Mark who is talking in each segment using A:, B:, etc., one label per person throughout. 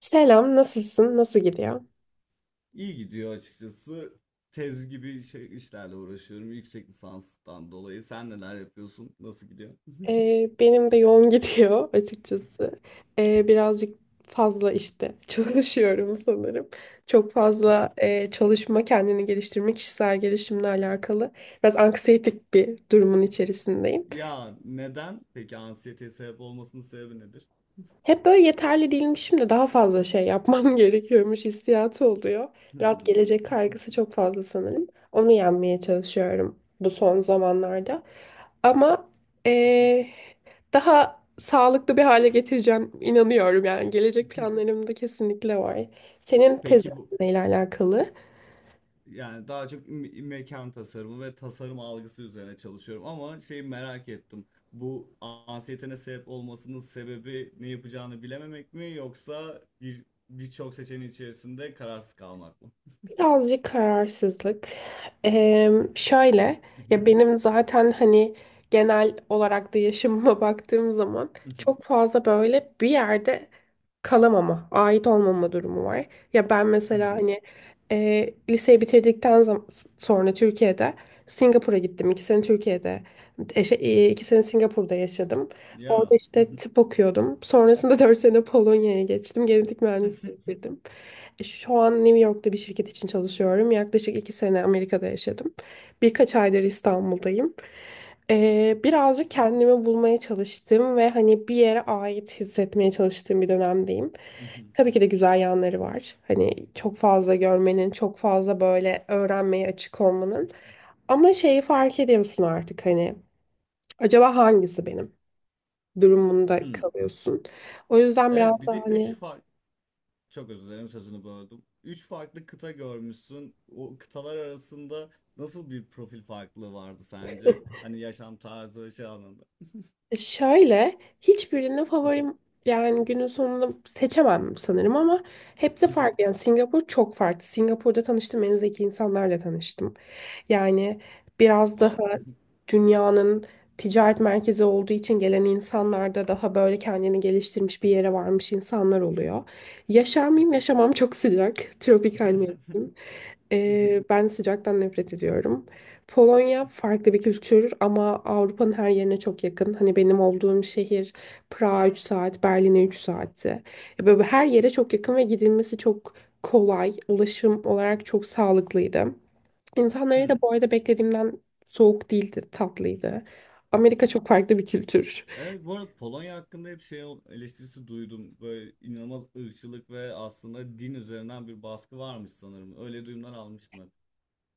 A: Selam, nasılsın? Nasıl gidiyor?
B: İyi gidiyor açıkçası. Tez gibi şey, işlerle uğraşıyorum yüksek lisanstan dolayı. Sen neler yapıyorsun? Nasıl gidiyor?
A: Benim de yoğun gidiyor açıkçası. Birazcık fazla işte çalışıyorum sanırım. Çok fazla çalışma, kendini geliştirme, kişisel gelişimle alakalı. Biraz anksiyetik bir durumun içerisindeyim.
B: Ya neden? Peki anksiyeteye sebep olmasının sebebi nedir?
A: Hep böyle yeterli değilmişim de daha fazla şey yapmam gerekiyormuş hissiyatı oluyor. Biraz
B: Hmm.
A: gelecek kaygısı çok fazla sanırım. Onu yenmeye çalışıyorum bu son zamanlarda. Ama eee, daha sağlıklı bir hale getireceğim inanıyorum yani. Gelecek planlarımda kesinlikle var. Senin tezin
B: Peki bu
A: neyle alakalı?
B: yani daha çok mekan tasarımı ve tasarım algısı üzerine çalışıyorum ama şeyi merak ettim. Bu anksiyetene sebep olmasının sebebi ne yapacağını bilememek mi yoksa birçok seçeneğin içerisinde kararsız kalmak mı?
A: Birazcık kararsızlık. Şöyle ya, benim zaten hani genel olarak da yaşamıma baktığım zaman çok fazla böyle bir yerde kalamama, ait olmama durumu var. Ya ben
B: Hı
A: mesela
B: hı.
A: hani liseyi bitirdikten sonra Türkiye'de Singapur'a gittim. İki sene Türkiye'de, şey, iki sene Singapur'da yaşadım. Orada
B: Ya. Hı
A: işte
B: hı.
A: tıp okuyordum. Sonrasında 4 sene Polonya'ya geçtim. Genetik mühendisliği bitirdim. Şu an New York'ta bir şirket için çalışıyorum. Yaklaşık 2 sene Amerika'da yaşadım. Birkaç aydır İstanbul'dayım. Birazcık kendimi bulmaya çalıştım ve hani bir yere ait hissetmeye çalıştığım bir dönemdeyim.
B: Hı hı.
A: Tabii ki de güzel yanları var. Hani çok fazla görmenin, çok fazla böyle öğrenmeye açık olmanın. Ama şeyi fark ediyorsun artık, hani acaba hangisi benim durumunda
B: Hı.
A: kalıyorsun. O yüzden biraz
B: Evet bir
A: daha
B: de 3
A: hani
B: fark, çok özür dilerim sözünü böldüm. 3 farklı kıta görmüşsün. O kıtalar arasında nasıl bir profil farklılığı vardı sence? Hani yaşam tarzı ve şey anlamında.
A: şöyle, hiçbirine favorim yani günün sonunda seçemem sanırım, ama hepsi farklı. Yani Singapur çok farklı. Singapur'da tanıştığım en zeki insanlarla tanıştım. Yani biraz daha
B: Wow.
A: dünyanın ticaret merkezi olduğu için gelen insanlarda daha böyle kendini geliştirmiş bir yere varmış insanlar oluyor. Yaşar mıyım? Yaşamam, çok sıcak. Tropikal mevsim. Ben sıcaktan nefret ediyorum. Polonya farklı bir kültür ama Avrupa'nın her yerine çok yakın. Hani benim olduğum şehir Prag'a 3 saat, Berlin'e 3 saatti. Böyle her yere çok yakın ve gidilmesi çok kolay. Ulaşım olarak çok sağlıklıydı. İnsanları
B: Hmm.
A: da bu arada beklediğimden soğuk değildi, tatlıydı. Amerika çok farklı bir kültür.
B: Evet bu arada Polonya hakkında hep eleştirisi duydum. Böyle inanılmaz ırkçılık ve aslında din üzerinden bir baskı varmış sanırım. Öyle duyumlar almıştım hep.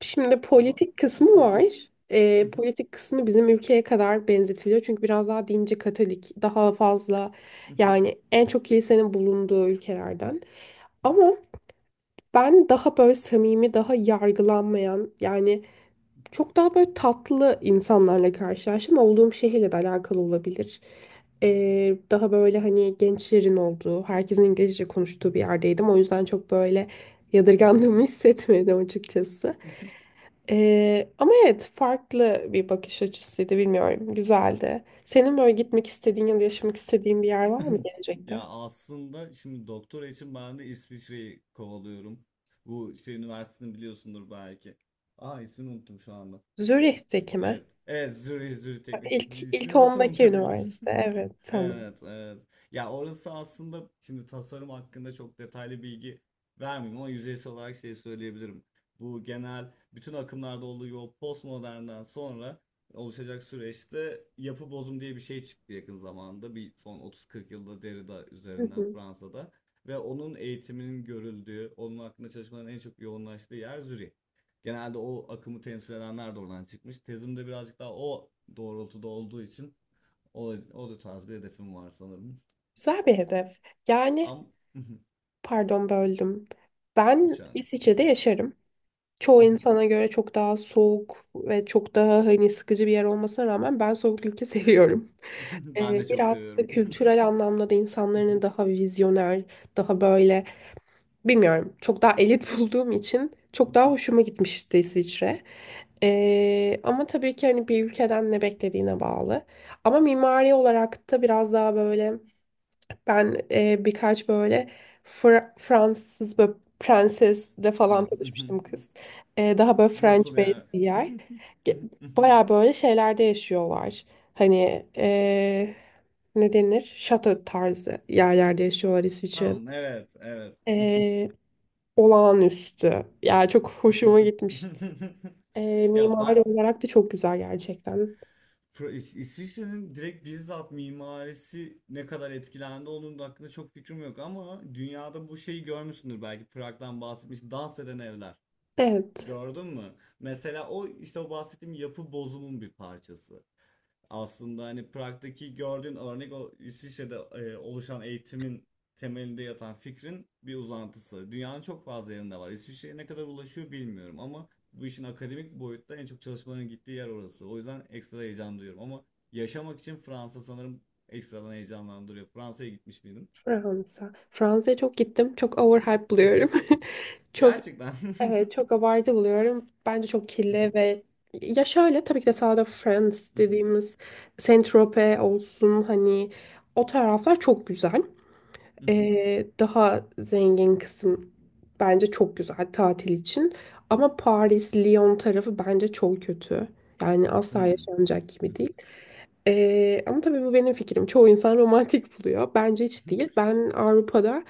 A: Şimdi
B: Ama
A: politik kısmı var. Politik kısmı bizim ülkeye kadar benzetiliyor. Çünkü biraz daha dinci Katolik, daha fazla yani en çok kilisenin bulunduğu ülkelerden. Ama ben daha böyle samimi, daha yargılanmayan yani çok daha böyle tatlı insanlarla karşılaştım. Olduğum şehirle de alakalı olabilir. Daha böyle hani gençlerin olduğu, herkesin İngilizce konuştuğu bir yerdeydim. O yüzden çok böyle yadırgandığımı hissetmedim açıkçası. Ama evet, farklı bir bakış açısıydı, bilmiyorum, güzeldi. Senin böyle gitmek istediğin ya da yaşamak istediğin bir yer var mı
B: Ya
A: gelecekte?
B: aslında şimdi doktora için ben de İsviçre'yi kovalıyorum. Bu şey üniversitesini biliyorsundur belki. Aa, ismini unuttum şu anda.
A: Zürih'teki mi?
B: Evet. Evet Zürih Teknik.
A: İlk
B: İsmini nasıl
A: ondaki
B: unutabildim?
A: üniversite, evet, tamam.
B: Evet, evet. Ya orası aslında şimdi tasarım hakkında çok detaylı bilgi vermeyeyim ama yüzeysel olarak şey söyleyebilirim. Bu genel bütün akımlarda olduğu gibi o postmodernden sonra oluşacak süreçte yapı bozum diye bir şey çıktı yakın zamanda. Bir son 30-40 yılda Derrida
A: Hı
B: üzerinden
A: hı.
B: Fransa'da ve onun eğitiminin görüldüğü, onun hakkında çalışmaların en çok yoğunlaştığı yer Zürih. Genelde o akımı temsil edenler de oradan çıkmış. Tezim de birazcık daha o doğrultuda olduğu için o, o da tarz bir hedefim var sanırım.
A: Güzel bir hedef. Yani
B: Am
A: pardon, böldüm.
B: hiç
A: Ben
B: önemli değil.
A: İsviçre'de yaşarım. Çoğu insana göre çok daha soğuk ve çok daha hani sıkıcı bir yer olmasına rağmen ben soğuk ülke seviyorum.
B: Ben de çok
A: Biraz da
B: seviyorum.
A: kültürel anlamda da insanların daha vizyoner, daha böyle bilmiyorum çok daha elit bulduğum için çok daha hoşuma gitmişti İsviçre. Ama tabii ki hani bir ülkeden ne beklediğine bağlı. Ama mimari olarak da biraz daha böyle ben birkaç böyle Fransız böyle prensesle falan
B: Ah,
A: tanışmıştım, kız. Daha böyle French
B: Nasıl
A: based
B: yani?
A: bir yer. Ge- Baya böyle şeylerde yaşıyorlar. Hani ne denir? Şato tarzı yerlerde yaşıyorlar İsviçre'de.
B: Tamam, evet, evet.
A: E, Olağanüstü. Yani çok hoşuma gitmişti.
B: Ya ben
A: Mimari olarak da çok güzel gerçekten.
B: İsviçre'nin direkt bizzat mimarisi ne kadar etkilendi onun da hakkında çok fikrim yok ama dünyada bu şeyi görmüşsündür belki Prag'dan bahsetmiş dans eden evler.
A: Evet.
B: Gördün mü? Mesela o işte o bahsettiğim yapı bozumun bir parçası. Aslında hani Prag'daki gördüğün örnek o İsviçre'de oluşan eğitimin temelinde yatan fikrin bir uzantısı. Dünyanın çok fazla yerinde var. İsviçre'ye ne kadar ulaşıyor bilmiyorum ama bu işin akademik boyutta en çok çalışmaların gittiği yer orası. O yüzden ekstra heyecan duyuyorum ama yaşamak için Fransa sanırım ekstradan heyecanlandırıyor. Fransa'ya gitmiş miydin?
A: Fransa'ya çok gittim. Çok overhype buluyorum. Çok
B: Gerçekten.
A: Evet, çok abartı buluyorum. Bence çok kirli ve ya, şöyle tabii ki de South of France dediğimiz Saint-Tropez olsun, hani o taraflar çok güzel. Daha zengin kısım bence çok güzel tatil için. Ama Paris, Lyon tarafı bence çok kötü. Yani asla yaşanacak gibi değil. Ama tabii bu benim fikrim. Çoğu insan romantik buluyor. Bence hiç değil. Ben Avrupa'da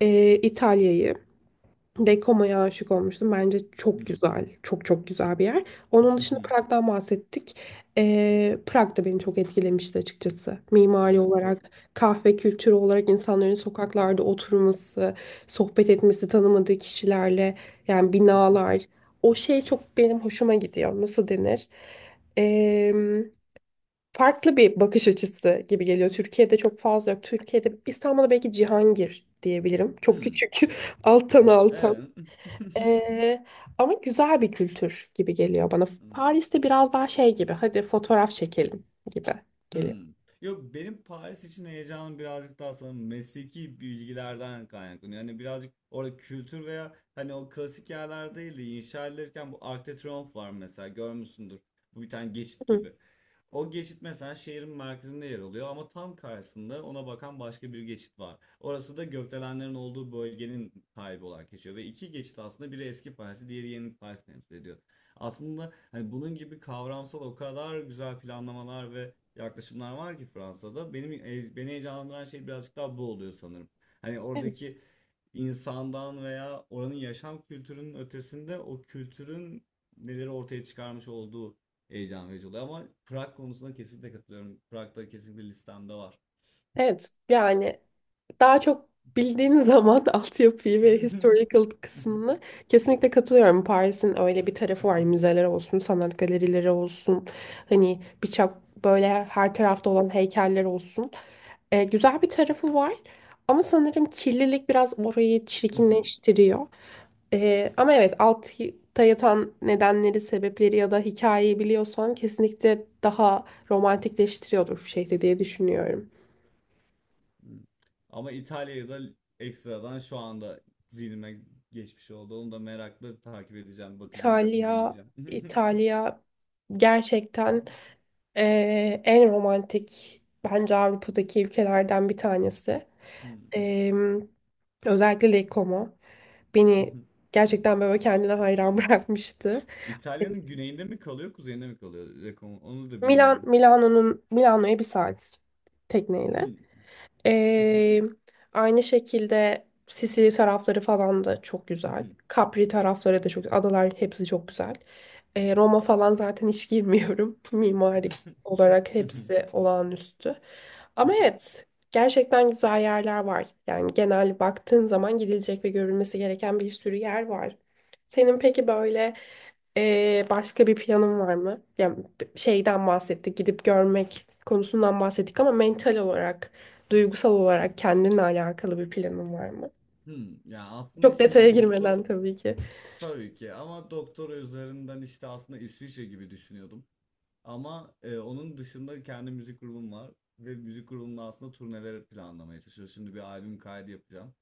A: İtalya'yı, Dekoma'ya aşık olmuştum. Bence çok
B: Hmm.
A: güzel. Çok çok güzel bir yer. Onun
B: I
A: dışında
B: hı.
A: Prag'dan bahsettik. Prag da beni çok etkilemişti açıkçası. Mimari
B: Evet,
A: olarak, kahve kültürü olarak, insanların sokaklarda oturması, sohbet etmesi tanımadığı kişilerle, yani
B: Hı, hmm.
A: binalar. O şey çok benim hoşuma gidiyor. Nasıl denir? Ee, Farklı bir bakış açısı gibi geliyor. Türkiye'de çok fazla yok. Türkiye'de, İstanbul'da belki Cihangir diyebilirim. Çok
B: Hımm.
A: küçük. Altan altan.
B: Evet.
A: Ee, Ama güzel bir kültür gibi geliyor bana. Paris'te biraz daha şey gibi, hadi fotoğraf çekelim gibi geliyor.
B: Hımm. Yok, benim Paris için heyecanım birazcık daha sanırım mesleki bilgilerden kaynaklanıyor. Yani birazcık orada kültür veya hani o klasik yerler değil de inşa edilirken bu Arc de Triomphe var mesela görmüşsündür. Bu bir tane geçit
A: Hı,
B: gibi. O geçit mesela şehrin merkezinde yer alıyor ama tam karşısında ona bakan başka bir geçit var. Orası da gökdelenlerin olduğu bölgenin sahibi olarak geçiyor ve iki geçit aslında biri eski Paris'i diğeri yeni Paris'i temsil ediyor. Aslında hani bunun gibi kavramsal o kadar güzel planlamalar ve yaklaşımlar var ki Fransa'da. Benim beni heyecanlandıran şey birazcık daha bu oluyor sanırım. Hani
A: evet.
B: oradaki insandan veya oranın yaşam kültürünün ötesinde o kültürün neleri ortaya çıkarmış olduğu heyecan verici oluyor. Ama Prag konusunda kesinlikle katılıyorum. Prag'da kesinlikle listemde var.
A: Evet, yani daha çok bildiğin zaman altyapıyı ve historical kısmını kesinlikle katılıyorum. Paris'in öyle bir tarafı var. Müzeler olsun, sanat galerileri olsun. Hani birçok böyle her tarafta olan heykeller olsun. Güzel bir tarafı var. Ama sanırım kirlilik biraz orayı çirkinleştiriyor. Ama evet, altta yatan nedenleri, sebepleri ya da hikayeyi biliyorsan kesinlikle daha romantikleştiriyordur şehri diye düşünüyorum.
B: Ama İtalya'yı da ekstradan şu anda zihnime geçmiş oldu. Onu da merakla takip edeceğim, bakacağım,
A: İtalya,
B: inceleyeceğim.
A: İtalya gerçekten en romantik bence Avrupa'daki ülkelerden bir tanesi. Eee, Özellikle Lake Como beni gerçekten böyle kendine hayran bırakmıştı.
B: İtalya'nın güneyinde mi kalıyor, kuzeyinde mi kalıyor? Rekon, onu da bilmiyorum.
A: Milano'ya bir saat tekneyle. Ee, Aynı şekilde Sicilya tarafları falan da çok güzel. Capri tarafları da Adalar hepsi çok güzel. Roma falan zaten hiç girmiyorum. Mimari olarak hepsi olağanüstü. Ama evet, gerçekten güzel yerler var. Yani genel baktığın zaman gidilecek ve görülmesi gereken bir sürü yer var. Senin peki böyle başka bir planın var mı? Yani şeyden bahsettik, gidip görmek konusundan bahsettik, ama mental olarak, duygusal olarak kendinle alakalı bir planın var mı?
B: Ya aslında
A: Çok
B: işte
A: detaya
B: bir doktor,
A: girmeden tabii ki.
B: tabii ki, ama doktor üzerinden işte aslında İsviçre gibi düşünüyordum. Ama onun dışında kendi müzik grubum var ve müzik grubumla aslında turneler planlamaya çalışıyorum. Şimdi bir albüm kaydı yapacağım.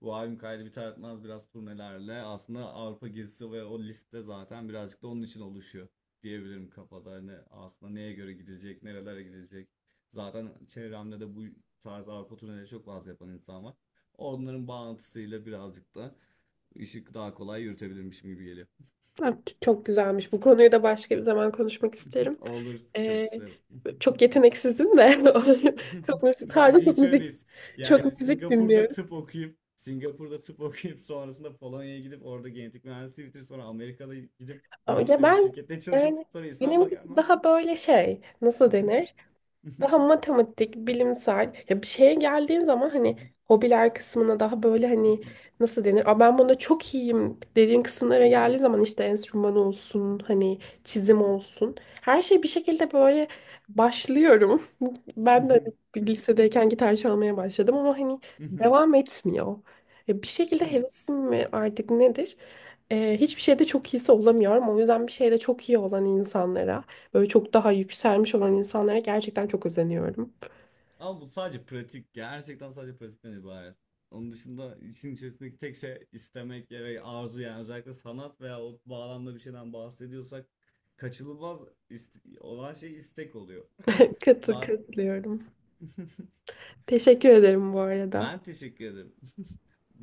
B: Bu albüm kaydı biter etmez biraz turnelerle aslında Avrupa gezisi ve o liste zaten birazcık da onun için oluşuyor diyebilirim kafada. Hani aslında neye göre gidilecek, nerelere gidilecek. Zaten çevremde de bu tarz Avrupa turneleri çok fazla yapan insan var. Onların bağlantısıyla birazcık da işi daha kolay yürütebilirmişim gibi geliyor.
A: Çok güzelmiş. Bu konuyu da başka bir zaman konuşmak isterim.
B: Olur, çok
A: Ee,
B: isterim.
A: Çok yeteneksizim de. Çok müzik, sadece
B: Bence
A: çok
B: hiç öyle
A: müzik,
B: değil. Yani
A: çok müzik
B: Singapur'da
A: dinliyorum.
B: tıp okuyup Singapur'da tıp okuyup sonrasında Polonya'ya gidip orada genetik mühendisliği bitirip sonra Amerika'da gidip New
A: Ya
B: York'ta bir
A: ben,
B: şirkette çalışıp
A: yani
B: sonra İstanbul'a
A: benimkisi
B: gelmem.
A: daha böyle şey, nasıl denir? Daha matematik, bilimsel, ya bir şeye geldiğin zaman hani hobiler kısmına daha böyle hani nasıl denir? Aa, ben bunda çok iyiyim dediğin kısımlara geldiği zaman işte enstrüman olsun, hani çizim olsun. Her şey bir şekilde böyle başlıyorum. Ben de hani bir lisedeyken gitar çalmaya başladım ama hani devam etmiyor. Ya bir şekilde hevesim mi artık nedir? Hiçbir şeyde çok iyisi olamıyorum. O yüzden bir şeyde çok iyi olan insanlara, böyle çok daha yükselmiş olan insanlara gerçekten çok özeniyorum.
B: Ama bu sadece pratik. Gerçekten sadece pratikten ibaret. Onun dışında işin içerisindeki tek şey istemek ve arzu, yani özellikle sanat veya o bağlamda bir şeyden bahsediyorsak kaçınılmaz olan şey istek oluyor. Zaten
A: Katılıyorum. Teşekkür ederim bu arada.
B: ben teşekkür ederim.